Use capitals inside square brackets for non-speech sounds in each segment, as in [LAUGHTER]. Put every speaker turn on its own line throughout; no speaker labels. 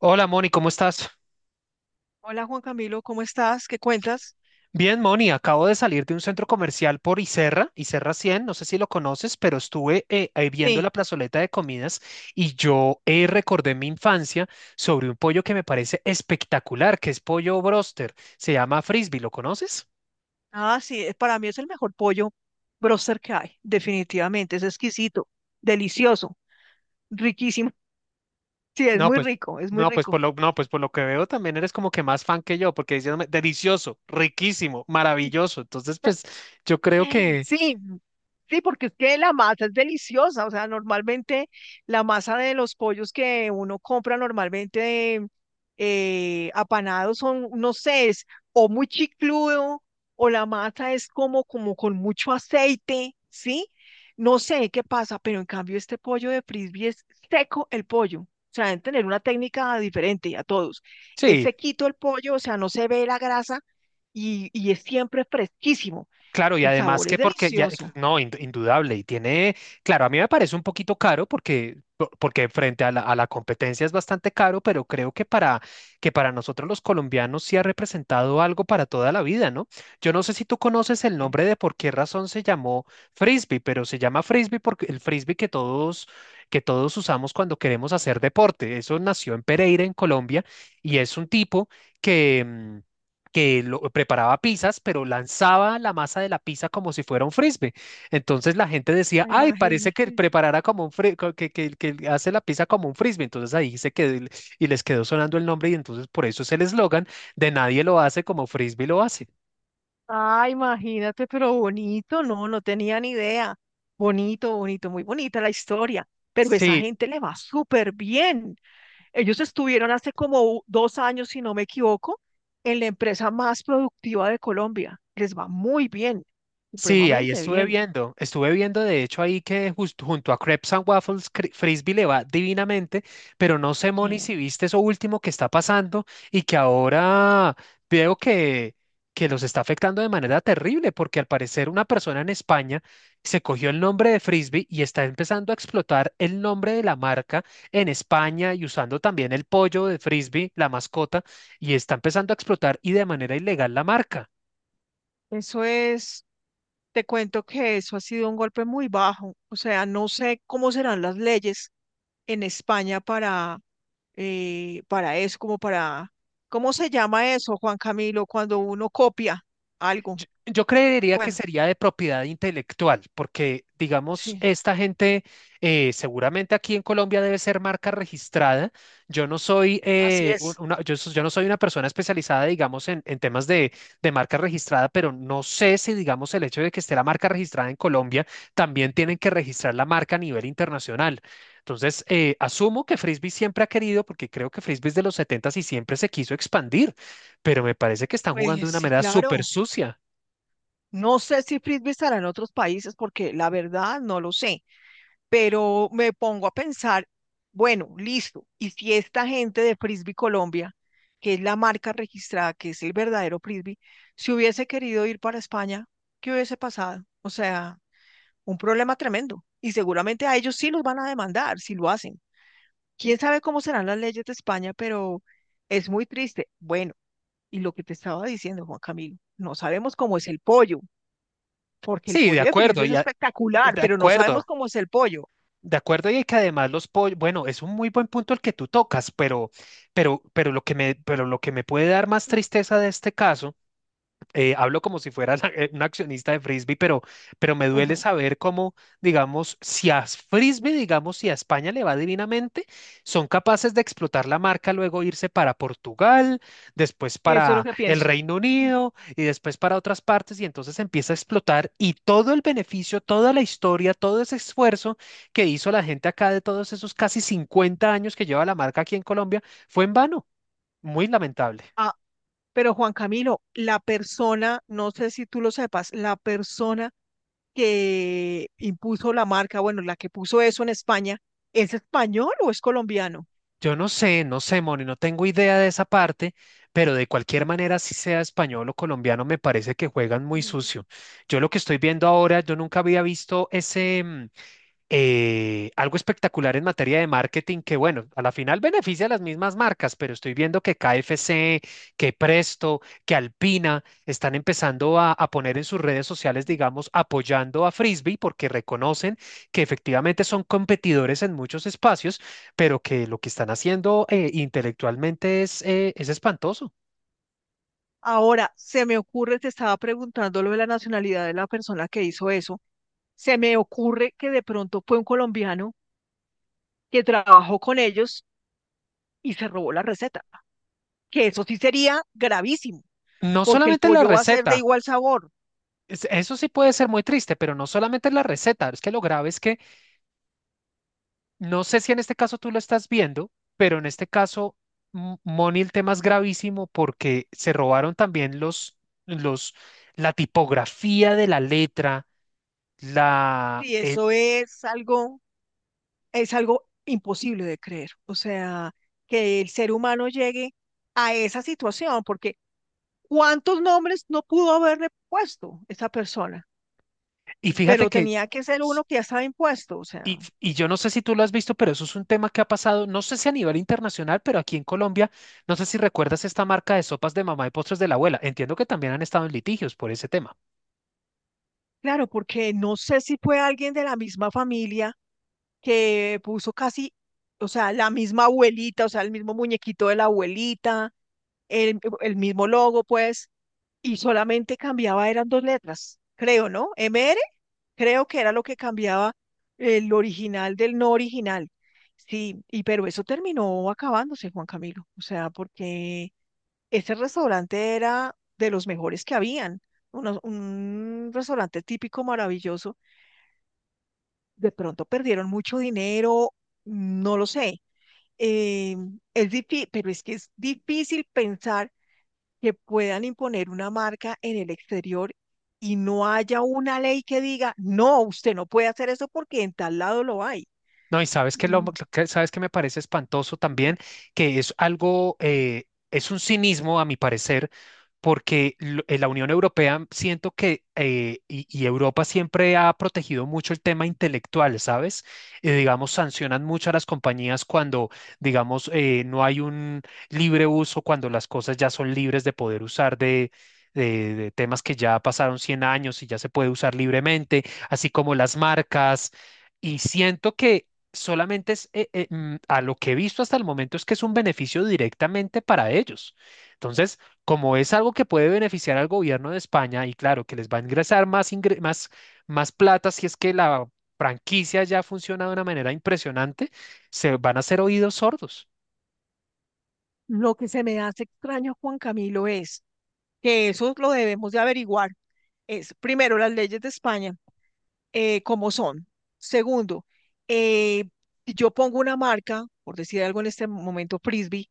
Hola Moni, ¿cómo estás?
Hola Juan Camilo, ¿cómo estás? ¿Qué cuentas?
Bien, Moni, acabo de salir de un centro comercial por Iserra, Iserra cien. No sé si lo conoces, pero estuve ahí viendo la
Sí,
plazoleta de comidas y yo recordé mi infancia sobre un pollo que me parece espectacular, que es pollo broster, se llama frisbee, ¿lo conoces?
ah, sí, para mí es el mejor pollo broster que hay, definitivamente, es exquisito, delicioso, riquísimo. [LAUGHS] Sí, es
No,
muy
pues,
rico, es muy rico.
no, pues por lo que veo también eres como que más fan que yo, porque diciéndome delicioso, riquísimo, maravilloso, entonces pues yo creo que
Sí, sí, porque es que la masa es deliciosa, o sea, normalmente la masa de los pollos que uno compra normalmente apanados son, no sé, es o muy chicludo o la masa es como, como con mucho aceite, ¿sí? No sé qué pasa, pero en cambio este pollo de frisbee es seco el pollo. O sea, deben tener una técnica diferente a todos. Es
sí.
sequito el pollo, o sea, no se ve la grasa y es siempre fresquísimo.
Claro, y
El
además
sabor es
que porque, ya,
delicioso.
no, indudable, y tiene, claro, a mí me parece un poquito caro porque, porque frente a la competencia es bastante caro, pero creo que para nosotros los colombianos sí ha representado algo para toda la vida, ¿no? Yo no sé si tú conoces el
¿Eh?
nombre de por qué razón se llamó frisbee, pero se llama frisbee porque el frisbee que todos usamos cuando queremos hacer deporte, eso nació en Pereira, en Colombia, y es un tipo que... mm, que lo, preparaba pizzas, pero lanzaba la masa de la pizza como si fuera un frisbee. Entonces la gente decía,
Ah,
ay, parece que
imagínate.
preparara como un que hace la pizza como un frisbee. Entonces ahí se quedó el- y les quedó sonando el nombre y entonces por eso es el eslogan de nadie lo hace como frisbee lo hace.
Ah, imagínate, pero bonito, no, no tenía ni idea. Bonito, bonito, muy bonita la historia. Pero esa
Sí,
gente le va súper bien. Ellos estuvieron hace como 2 años, si no me equivoco, en la empresa más productiva de Colombia. Les va muy bien,
sí, ahí
supremamente bien.
estuve viendo de hecho ahí que justo junto a Crepes and Waffles Frisbee le va divinamente, pero no sé, Moni,
Sí.
si viste eso último que está pasando y que ahora veo que los está afectando de manera terrible, porque al parecer una persona en España se cogió el nombre de Frisbee y está empezando a explotar el nombre de la marca en España y usando también el pollo de Frisbee, la mascota, y está empezando a explotar y de manera ilegal la marca.
Eso es. Te cuento que eso ha sido un golpe muy bajo. O sea, no sé cómo serán las leyes en España para eso, como para, ¿cómo se llama eso, Juan Camilo, cuando uno copia algo?
Yo creería que
Bueno,
sería de propiedad intelectual, porque, digamos,
sí,
esta gente seguramente aquí en Colombia debe ser marca registrada. Yo no soy,
así es.
yo no soy una persona especializada, digamos, en temas de marca registrada, pero no sé si, digamos, el hecho de que esté la marca registrada en Colombia, también tienen que registrar la marca a nivel internacional. Entonces, asumo que Frisbee siempre ha querido, porque creo que Frisbee es de los 70 y siempre se quiso expandir, pero me parece que están jugando de
Pues
una
sí,
manera súper
claro.
sucia.
No sé si Frisbee estará en otros países porque la verdad no lo sé. Pero me pongo a pensar, bueno, listo, y si esta gente de Frisbee Colombia, que es la marca registrada, que es el verdadero Frisbee, si hubiese querido ir para España, ¿qué hubiese pasado? O sea, un problema tremendo. Y seguramente a ellos sí los van a demandar si lo hacen. Quién sabe cómo serán las leyes de España, pero es muy triste. Bueno, y lo que te estaba diciendo, Juan Camilo, no sabemos cómo es el pollo, porque el
Sí, de
pollo de
acuerdo,
Frisbee es espectacular,
de
pero no sabemos
acuerdo,
cómo es el pollo.
de acuerdo, y que además los pollos, bueno, es un muy buen punto el que tú tocas, pero lo que pero lo que me puede dar más tristeza de este caso hablo como si fuera [LAUGHS] un accionista de Frisbee, pero me duele
Ujú.
saber cómo, digamos, si a Frisbee, digamos, si a España le va divinamente, son capaces de explotar la marca, luego irse para Portugal, después
Eso es lo
para
que
el
pienso.
Reino Unido y después para otras partes, y entonces empieza a explotar y todo el beneficio, toda la historia, todo ese esfuerzo que hizo la gente acá de todos esos casi 50 años que lleva la marca aquí en Colombia fue en vano. Muy lamentable.
Ah, pero Juan Camilo, la persona, no sé si tú lo sepas, la persona que impuso la marca, bueno, la que puso eso en España, ¿es español o es colombiano?
Yo no sé, no sé, Moni, no tengo idea de esa parte, pero de cualquier manera, si sea español o colombiano, me parece que juegan muy
Ujú.
sucio. Yo lo que estoy viendo ahora, yo nunca había visto ese, algo espectacular en materia de marketing que, bueno, a la final beneficia a las mismas marcas, pero estoy viendo que KFC, que Presto, que Alpina están empezando a poner en sus redes sociales, digamos, apoyando a Frisbee porque reconocen que efectivamente son competidores en muchos espacios, pero que lo que están haciendo intelectualmente es espantoso.
Ahora, se me ocurre, te estaba preguntando lo de la nacionalidad de la persona que hizo eso. Se me ocurre que de pronto fue un colombiano que trabajó con ellos y se robó la receta, que eso sí sería gravísimo,
No
porque el
solamente la
pollo va a ser de
receta.
igual sabor.
Eso sí puede ser muy triste, pero no solamente la receta, es que lo grave es que no sé si en este caso tú lo estás viendo, pero en este caso, Moni, el tema es gravísimo porque se robaron también los, la tipografía de la letra, la,
Sí,
el-
eso es algo imposible de creer. O sea, que el ser humano llegue a esa situación, porque ¿cuántos nombres no pudo haberle puesto esa persona?
y fíjate
Pero
que,
tenía que ser
s-
uno que ya estaba impuesto. O sea,
y yo no sé si tú lo has visto, pero eso es un tema que ha pasado, no sé si a nivel internacional, pero aquí en Colombia, no sé si recuerdas esta marca de sopas de mamá y postres de la abuela. Entiendo que también han estado en litigios por ese tema.
claro, porque no sé si fue alguien de la misma familia que puso casi, o sea, la misma abuelita, o sea, el mismo muñequito de la abuelita, el mismo logo, pues y solamente cambiaba, eran dos letras, creo, ¿no? M R creo que era lo que cambiaba el original del no original. Sí, y pero eso terminó acabándose, Juan Camilo, o sea, porque ese restaurante era de los mejores que habían, un restaurante típico maravilloso, de pronto perdieron mucho dinero, no lo sé. eh, es pero es que es difícil pensar que puedan imponer una marca en el exterior y no haya una ley que diga, no, usted no puede hacer eso porque en tal lado lo hay.
No, y sabes que lo,
Mm.
sabes que me parece espantoso también, que es algo, es un cinismo a mi parecer, porque la Unión Europea siento que, y Europa siempre ha protegido mucho el tema intelectual, ¿sabes? Digamos, sancionan mucho a las compañías cuando, digamos, no hay un libre uso, cuando las cosas ya son libres de poder usar de... de temas que ya pasaron 100 años y ya se puede usar libremente, así como las marcas. Y siento que solamente a lo que he visto hasta el momento es que es un beneficio directamente para ellos. Entonces, como es algo que puede beneficiar al gobierno de España y claro, que les va a ingresar más, más plata si es que la franquicia ya funciona de una manera impresionante, se van a hacer oídos sordos.
Lo que se me hace extraño, Juan Camilo, es que eso lo debemos de averiguar. Es, primero, las leyes de España, cómo son. Segundo, eh, si yo pongo una marca, por decir algo en este momento, Frisbee,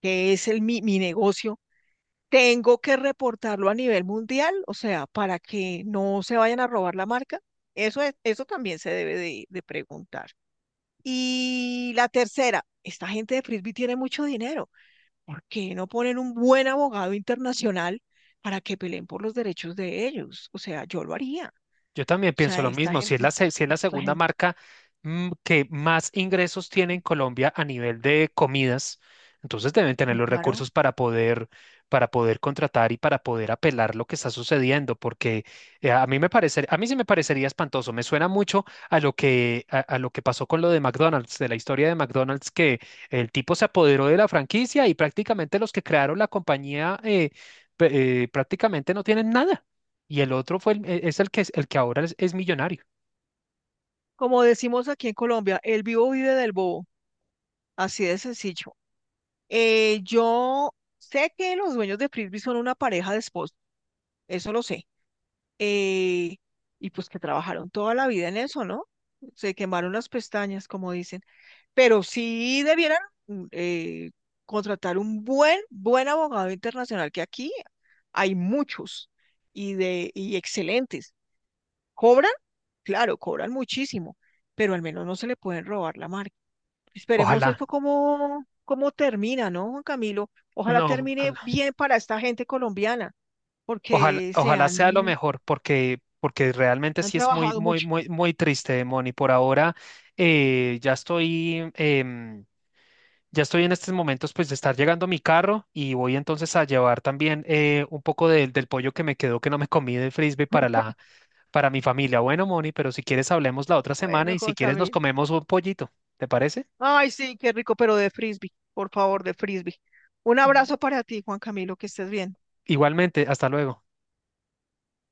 que es el, mi negocio, tengo que reportarlo a nivel mundial, o sea, para que no se vayan a robar la marca. Eso es, eso también se debe de preguntar. Y la tercera, esta gente de Frisbee tiene mucho dinero. ¿Por qué no ponen un buen abogado internacional para que peleen por los derechos de ellos? O sea, yo lo haría.
Yo también
O
pienso
sea,
lo
esta
mismo. Si es
gente,
si es la
esta
segunda
gente,
marca que más ingresos tiene en Colombia a nivel de comidas, entonces deben tener
y
los
claro.
recursos para poder contratar y para poder apelar lo que está sucediendo, porque a mí me parece, a mí sí me parecería espantoso. Me suena mucho a lo a lo que pasó con lo de McDonald's, de la historia de McDonald's, que el tipo se apoderó de la franquicia y prácticamente los que crearon la compañía prácticamente no tienen nada. Y el otro fue es el que ahora es millonario.
Como decimos aquí en Colombia, el vivo vive del bobo. Así de sencillo. Yo sé que los dueños de Frisbee son una pareja de esposos. Eso lo sé. Eh, y pues que trabajaron toda la vida en eso, ¿no? Se quemaron las pestañas, como dicen. Pero sí debieran mm, eh, contratar un buen, buen abogado internacional, que aquí hay muchos y, y excelentes. ¿Cobran? Claro, cobran muchísimo, pero al menos no se le pueden robar la marca. Esperemos
Ojalá,
esto cómo termina, ¿no, Juan Camilo? Ojalá
no,
termine
ojalá,
bien para esta gente colombiana,
ojalá,
porque se
ojalá sea lo
han
mejor, porque, porque realmente
han
sí es muy,
trabajado
muy,
mucho.
muy, muy triste, Moni. Por ahora ya ya estoy en estos momentos, pues de estar llegando mi carro y voy entonces a llevar también un poco del pollo que me quedó que no me comí del frisbee para la, para mi familia. Bueno, Moni, pero si quieres hablemos la otra semana
Bueno,
y si
Juan
quieres nos
Camilo.
comemos un pollito, ¿te parece?
Ay, sí, qué rico, pero de frisbee, por favor, de frisbee. Un abrazo para ti, Juan Camilo, que estés bien.
Igualmente, hasta luego.